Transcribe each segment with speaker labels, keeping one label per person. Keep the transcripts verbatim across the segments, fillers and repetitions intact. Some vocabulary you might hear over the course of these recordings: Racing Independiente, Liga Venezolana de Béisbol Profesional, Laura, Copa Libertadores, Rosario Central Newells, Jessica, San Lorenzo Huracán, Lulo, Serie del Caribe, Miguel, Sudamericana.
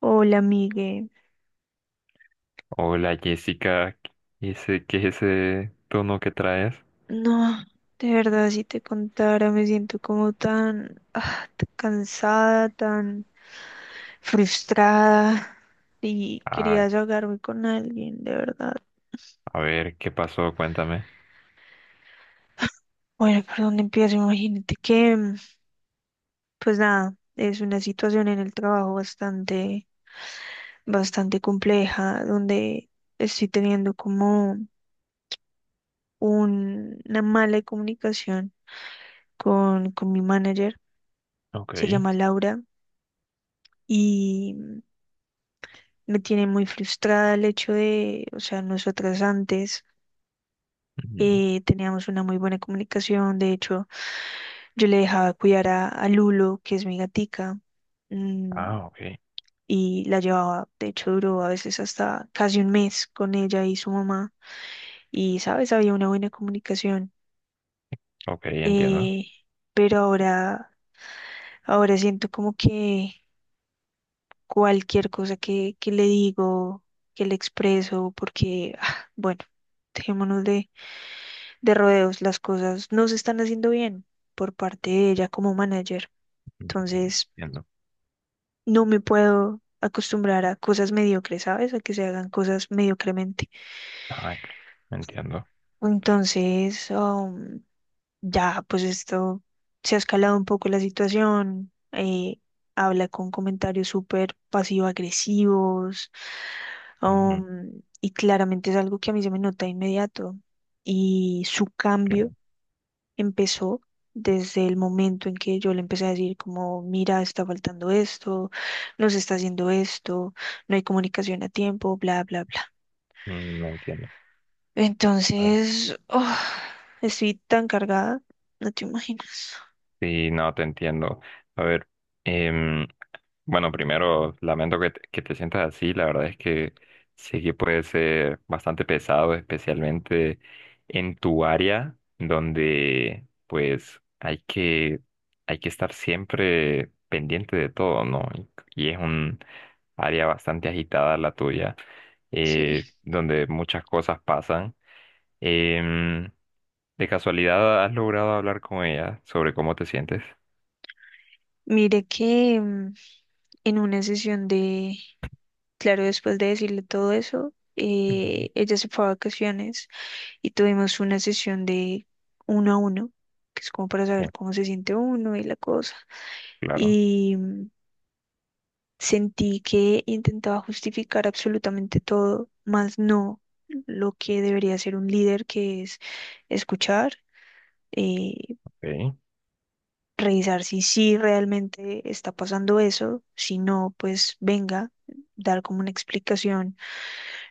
Speaker 1: Hola, Miguel.
Speaker 2: Hola Jessica, ese- ¿qué es ese tono que traes?
Speaker 1: No, de verdad, si te contara, me siento como tan, ah, tan cansada, tan frustrada y quería
Speaker 2: Ay,
Speaker 1: desahogarme con alguien, de verdad.
Speaker 2: a ver, ¿qué pasó? Cuéntame.
Speaker 1: Bueno, ¿por dónde empiezo? Imagínate que, mm, pues nada, es una situación en el trabajo bastante, bastante compleja, donde estoy teniendo como un- una mala comunicación con, con mi manager,
Speaker 2: Ok.
Speaker 1: se llama Laura, y... Me tiene muy frustrada el hecho de, o sea, nosotras antes
Speaker 2: Ujú.
Speaker 1: eh, teníamos una muy buena comunicación. De hecho, yo le dejaba cuidar a, a Lulo, que es mi gatica, mm,
Speaker 2: Ah, ok.
Speaker 1: y la llevaba, de hecho, duró a veces hasta casi un mes con ella y su mamá. Y, ¿sabes? Había una buena comunicación.
Speaker 2: Ok, entiendo.
Speaker 1: eh, pero ahora, ahora siento como que cualquier cosa que, que le digo, que le expreso, porque, ah, bueno, dejémonos de de rodeos, las cosas no se están haciendo bien por parte de ella como manager.
Speaker 2: Ujú.
Speaker 1: Entonces,
Speaker 2: Entiendo.
Speaker 1: no me puedo acostumbrar a cosas mediocres, ¿sabes? A que se hagan cosas mediocremente.
Speaker 2: Ah, cl- entiendo.
Speaker 1: Entonces, um, ya, pues esto se ha escalado un poco la situación. Eh, habla con comentarios súper pasivo-agresivos.
Speaker 2: Ujú,
Speaker 1: Um, y claramente es algo que a mí se me nota de inmediato. Y su cambio
Speaker 2: claro.
Speaker 1: empezó desde el momento en que yo le empecé a decir como, mira, está faltando esto, no se está haciendo esto, no hay comunicación a tiempo, bla, bla, bla.
Speaker 2: Mm, entiendo. A ver.
Speaker 1: Entonces, oh, estoy tan cargada, no te imaginas.
Speaker 2: Sí, no, te entiendo. A ver, em, bueno, primero, lamento que te, que te sientas así. La verdad es que sí que puede ser bastante pesado, especialmente en tu área, donde pues hay que, hay que estar siempre pendiente de todo, ¿no? Y, y es un área bastante agitada la tuya,
Speaker 1: Sí.
Speaker 2: eh, donde muchas cosas pasan. Em, ¿de casualidad has logrado hablar con ella sobre cómo te sientes?
Speaker 1: Mire que mm, en una sesión de, claro, después de decirle todo eso,
Speaker 2: Ujú.
Speaker 1: eh, ella se fue a vacaciones y tuvimos una sesión de uno a uno, que es como para
Speaker 2: Sí.
Speaker 1: saber cómo se siente uno y la cosa.
Speaker 2: Claro.
Speaker 1: y mm, Sentí que intentaba justificar absolutamente todo, más no lo que debería ser un líder, que es escuchar, eh,
Speaker 2: Ok.
Speaker 1: revisar si sí realmente está pasando eso, si no, pues venga, dar como una explicación,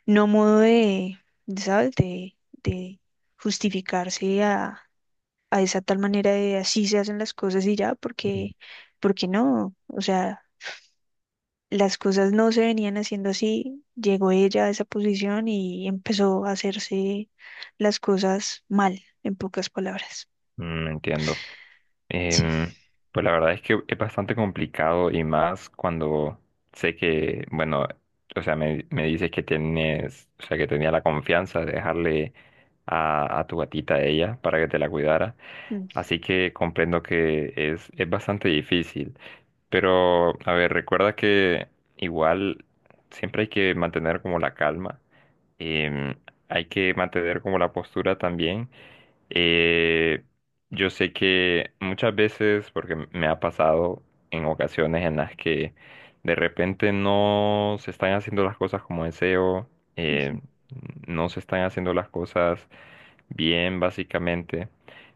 Speaker 1: no modo de, de, ¿sabes? De, de justificarse a, a esa tal manera de así se hacen las cosas y ya,
Speaker 2: Ujú.
Speaker 1: porque, porque no, o sea las cosas no se venían haciendo así, llegó ella a esa posición y empezó a hacerse las cosas mal, en pocas palabras.
Speaker 2: Mm, entiendo.
Speaker 1: Sí,
Speaker 2: Em, pues la verdad es que es bastante complicado y más cuando sé que, bueno, o sea, me, me dices que tienes, o sea, que tenía la confianza de dejarle a, a tu gatita a ella para que te la cuidara.
Speaker 1: mm,
Speaker 2: Así que comprendo que es, es bastante difícil. Pero, a ver, recuerda que igual siempre hay que mantener como la calma. em, Hay que mantener como la postura también. eh, yo sé que muchas veces, porque me ha pasado en ocasiones en las que de repente no se están haciendo las cosas como deseo,
Speaker 1: ujú,
Speaker 2: eh, no se están haciendo las cosas bien, básicamente.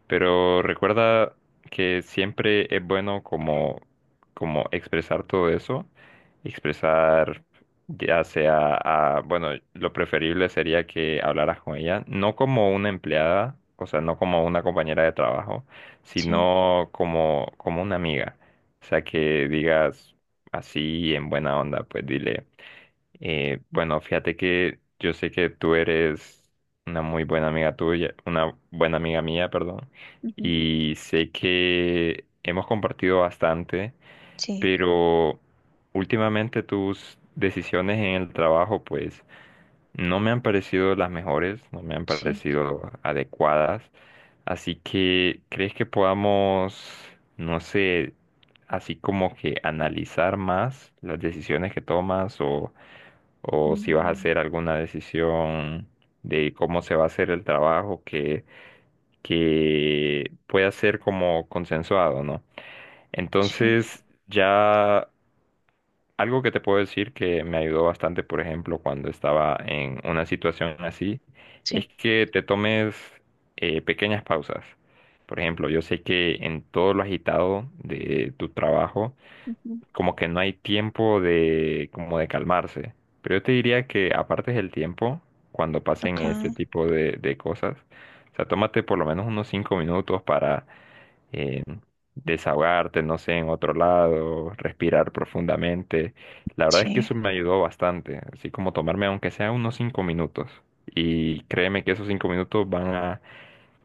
Speaker 2: Pero recuerda que siempre es bueno como, como expresar todo eso, expresar ya sea, a- bueno, lo preferible sería que hablaras con ella, no como una empleada, o sea, no como una compañera de trabajo,
Speaker 1: sí,
Speaker 2: sino como, como una amiga. O sea, que digas así en buena onda, pues dile, eh, bueno, fíjate que yo sé que tú eres una muy buena amiga tuya, una buena amiga mía, perdón,
Speaker 1: ujú,
Speaker 2: y sé que hemos compartido bastante,
Speaker 1: sí,
Speaker 2: pero últimamente tus decisiones en el trabajo pues no me han parecido las mejores, no me han
Speaker 1: sí,
Speaker 2: parecido adecuadas, así que ¿crees que podamos, no sé, así como que analizar más las decisiones que tomas o, o si vas a
Speaker 1: mm,
Speaker 2: hacer alguna decisión de cómo se va a hacer el trabajo que, que pueda ser como consensuado, ¿no?
Speaker 1: sí,
Speaker 2: Entonces, ya algo que te puedo decir que me ayudó bastante, por ejemplo, cuando estaba en una situación así, es
Speaker 1: sí,
Speaker 2: que te tomes eh, pequeñas pausas. Por ejemplo, yo sé que en todo lo agitado de tu trabajo,
Speaker 1: ujú,
Speaker 2: como que no hay tiempo de, como de calmarse. Pero yo te diría que apartes el tiempo cuando pasen
Speaker 1: ok,
Speaker 2: este tipo de, de cosas. O sea, tómate por lo menos unos cinco minutos para eh, desahogarte, no sé, en otro lado, respirar profundamente. La verdad es que
Speaker 1: sí.
Speaker 2: eso me ayudó bastante, así como tomarme aunque sea unos cinco minutos. Y créeme que esos cinco minutos van a,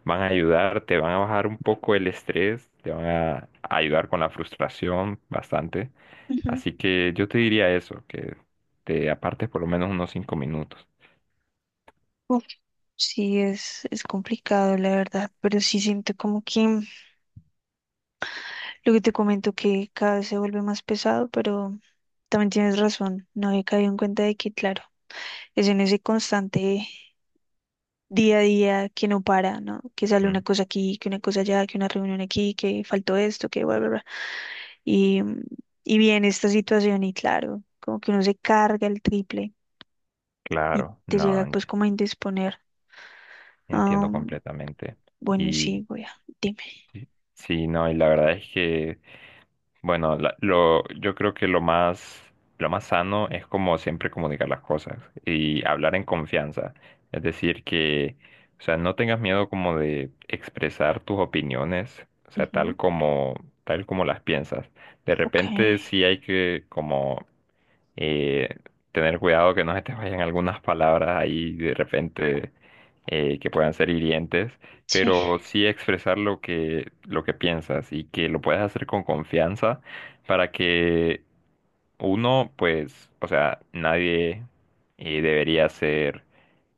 Speaker 2: van a ayudar, te van a bajar un poco el estrés, te van a ayudar con la frustración bastante.
Speaker 1: Ujú.
Speaker 2: Así que yo te diría eso, que te apartes por lo menos unos cinco minutos.
Speaker 1: Uf, sí, es, es complicado, la verdad, pero sí siento como que mm, lo que te comento que cada vez se vuelve más pesado, pero también tienes razón, no he caído en cuenta de que, claro, es en ese constante día a día que no para, ¿no? Que sale una
Speaker 2: Mm.
Speaker 1: cosa aquí, que una cosa allá, que una reunión aquí, que faltó esto, que bla, bla, bla. Y, mm, y viene esta situación y claro, como que uno se carga el triple y
Speaker 2: Claro,
Speaker 1: te
Speaker 2: no,
Speaker 1: llega
Speaker 2: ent-
Speaker 1: pues como a indisponer.
Speaker 2: Entiendo
Speaker 1: Am,
Speaker 2: completamente.
Speaker 1: bueno,
Speaker 2: Y
Speaker 1: sí, voy a, dime.
Speaker 2: sí, sí, no, y la verdad es que bueno, la- lo, yo creo que lo más, lo más sano es como siempre comunicar las cosas y hablar en confianza. Es decir, que, o sea, no tengas miedo como de expresar tus opiniones, o sea,
Speaker 1: Ujú,
Speaker 2: tal como, tal como las piensas. De
Speaker 1: ok,
Speaker 2: repente sí hay que como eh, tener cuidado que no se te vayan algunas palabras ahí de repente, eh, que puedan ser hirientes,
Speaker 1: sí,
Speaker 2: pero sí expresar lo que, lo que piensas y que lo puedas hacer con confianza para que uno, pues, o sea, nadie eh, debería ser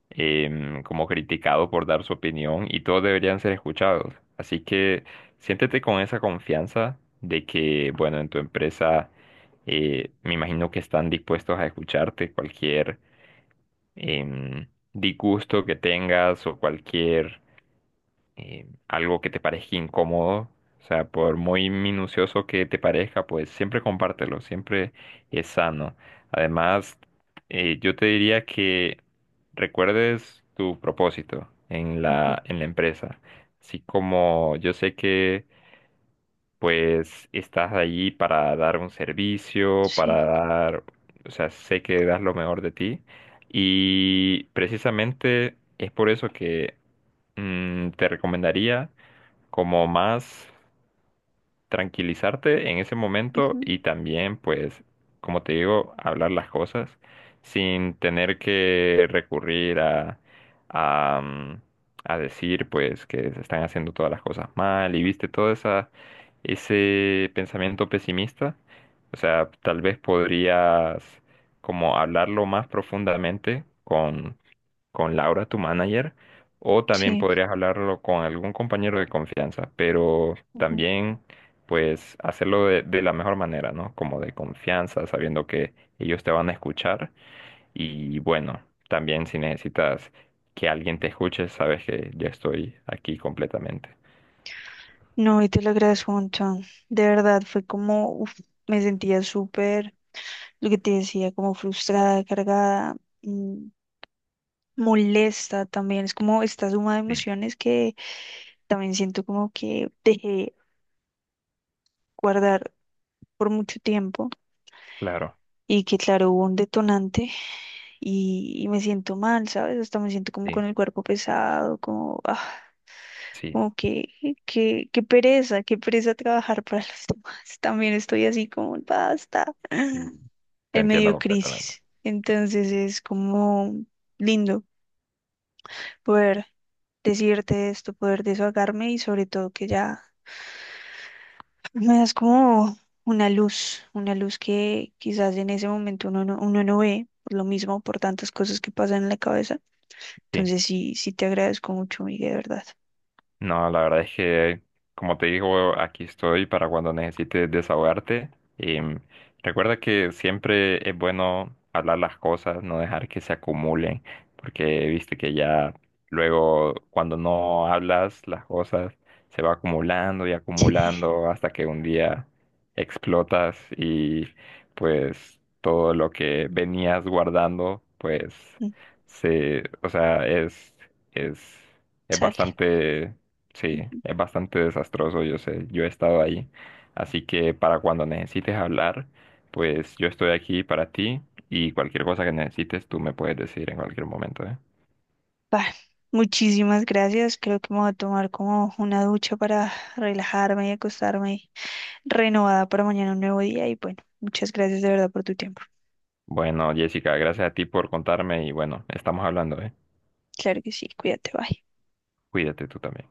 Speaker 2: em, como criticado por dar su opinión y todos deberían ser escuchados. Así que siéntete con esa confianza de que, bueno, en tu empresa eh, me imagino que están dispuestos a escucharte cualquier em, disgusto que tengas o cualquier eh, algo que te parezca incómodo, o sea, por muy minucioso que te parezca, pues siempre compártelo, siempre es sano. Además, eh, yo te diría que recuerdes tu propósito en
Speaker 1: ujú,
Speaker 2: la, en la empresa, así como yo sé que pues estás allí para dar un servicio,
Speaker 1: sí,
Speaker 2: para dar, o sea, sé que das lo mejor de ti y precisamente es por eso que mm, te recomendaría como más tranquilizarte en ese momento
Speaker 1: ujú,
Speaker 2: y también, pues, como te digo, hablar las cosas sin tener que recurrir a, a, mm, a decir, pues, que se están haciendo todas las cosas mal y viste todo esa, ese pensamiento pesimista. O sea, tal vez podrías como hablarlo más profundamente con con Laura, tu manager, o también
Speaker 1: sí.
Speaker 2: podrías hablarlo con algún compañero de confianza, pero
Speaker 1: Ujú.
Speaker 2: también pues hacerlo de, de la mejor manera, ¿no? Como de confianza, sabiendo que ellos te van a escuchar y bueno, también si necesitas que alguien te escuche, sabes que yo estoy aquí completamente.
Speaker 1: No, y te lo agradezco un montón. De verdad, fue como, uf, me sentía súper, lo que te decía, como frustrada, cargada, mm, molesta también. Es como esta suma de
Speaker 2: Sí.
Speaker 1: emociones que también siento como que dejé guardar por mucho tiempo
Speaker 2: Claro,
Speaker 1: y que claro, hubo un detonante y, y me siento mal, ¿sabes? Hasta me siento como
Speaker 2: sí,
Speaker 1: con el cuerpo pesado, como... ah.
Speaker 2: sí,
Speaker 1: Como que, que, qué pereza, qué pereza trabajar para los demás. También estoy así como, basta,
Speaker 2: y te
Speaker 1: en
Speaker 2: entiendo
Speaker 1: medio
Speaker 2: completamente.
Speaker 1: crisis. Entonces es como lindo poder decirte esto, poder desahogarme y sobre todo que ya me das como una luz, una luz que quizás en ese momento uno no, uno no ve por lo mismo, por tantas cosas que pasan en la cabeza.
Speaker 2: Sí.
Speaker 1: Entonces sí, sí te agradezco mucho, Miguel, de verdad.
Speaker 2: No, la verdad es que, como te digo, aquí estoy para cuando necesites desahogarte. Em, recuerda que siempre es bueno hablar las cosas, no dejar que se acumulen, porque viste que ya luego cuando no hablas las cosas se va acumulando y acumulando hasta que un día explotas y pues todo lo que venías guardando, pues se, o sea, es, es, es
Speaker 1: Sale.
Speaker 2: bastante. Sí, es bastante desastroso, yo sé, yo he estado ahí. Así que para cuando necesites hablar, pues yo estoy aquí para ti y cualquier cosa que necesites tú me puedes decir en cualquier momento, ¿eh?
Speaker 1: Bah, muchísimas gracias. Creo que me voy a tomar como una ducha para relajarme y acostarme renovada para mañana un nuevo día. Y bueno, muchas gracias de verdad por tu tiempo.
Speaker 2: Bueno, Jessica, gracias a ti por contarme y bueno, estamos hablando, ¿eh?
Speaker 1: Claro que sí, cuídate, bye.
Speaker 2: Cuídate tú también.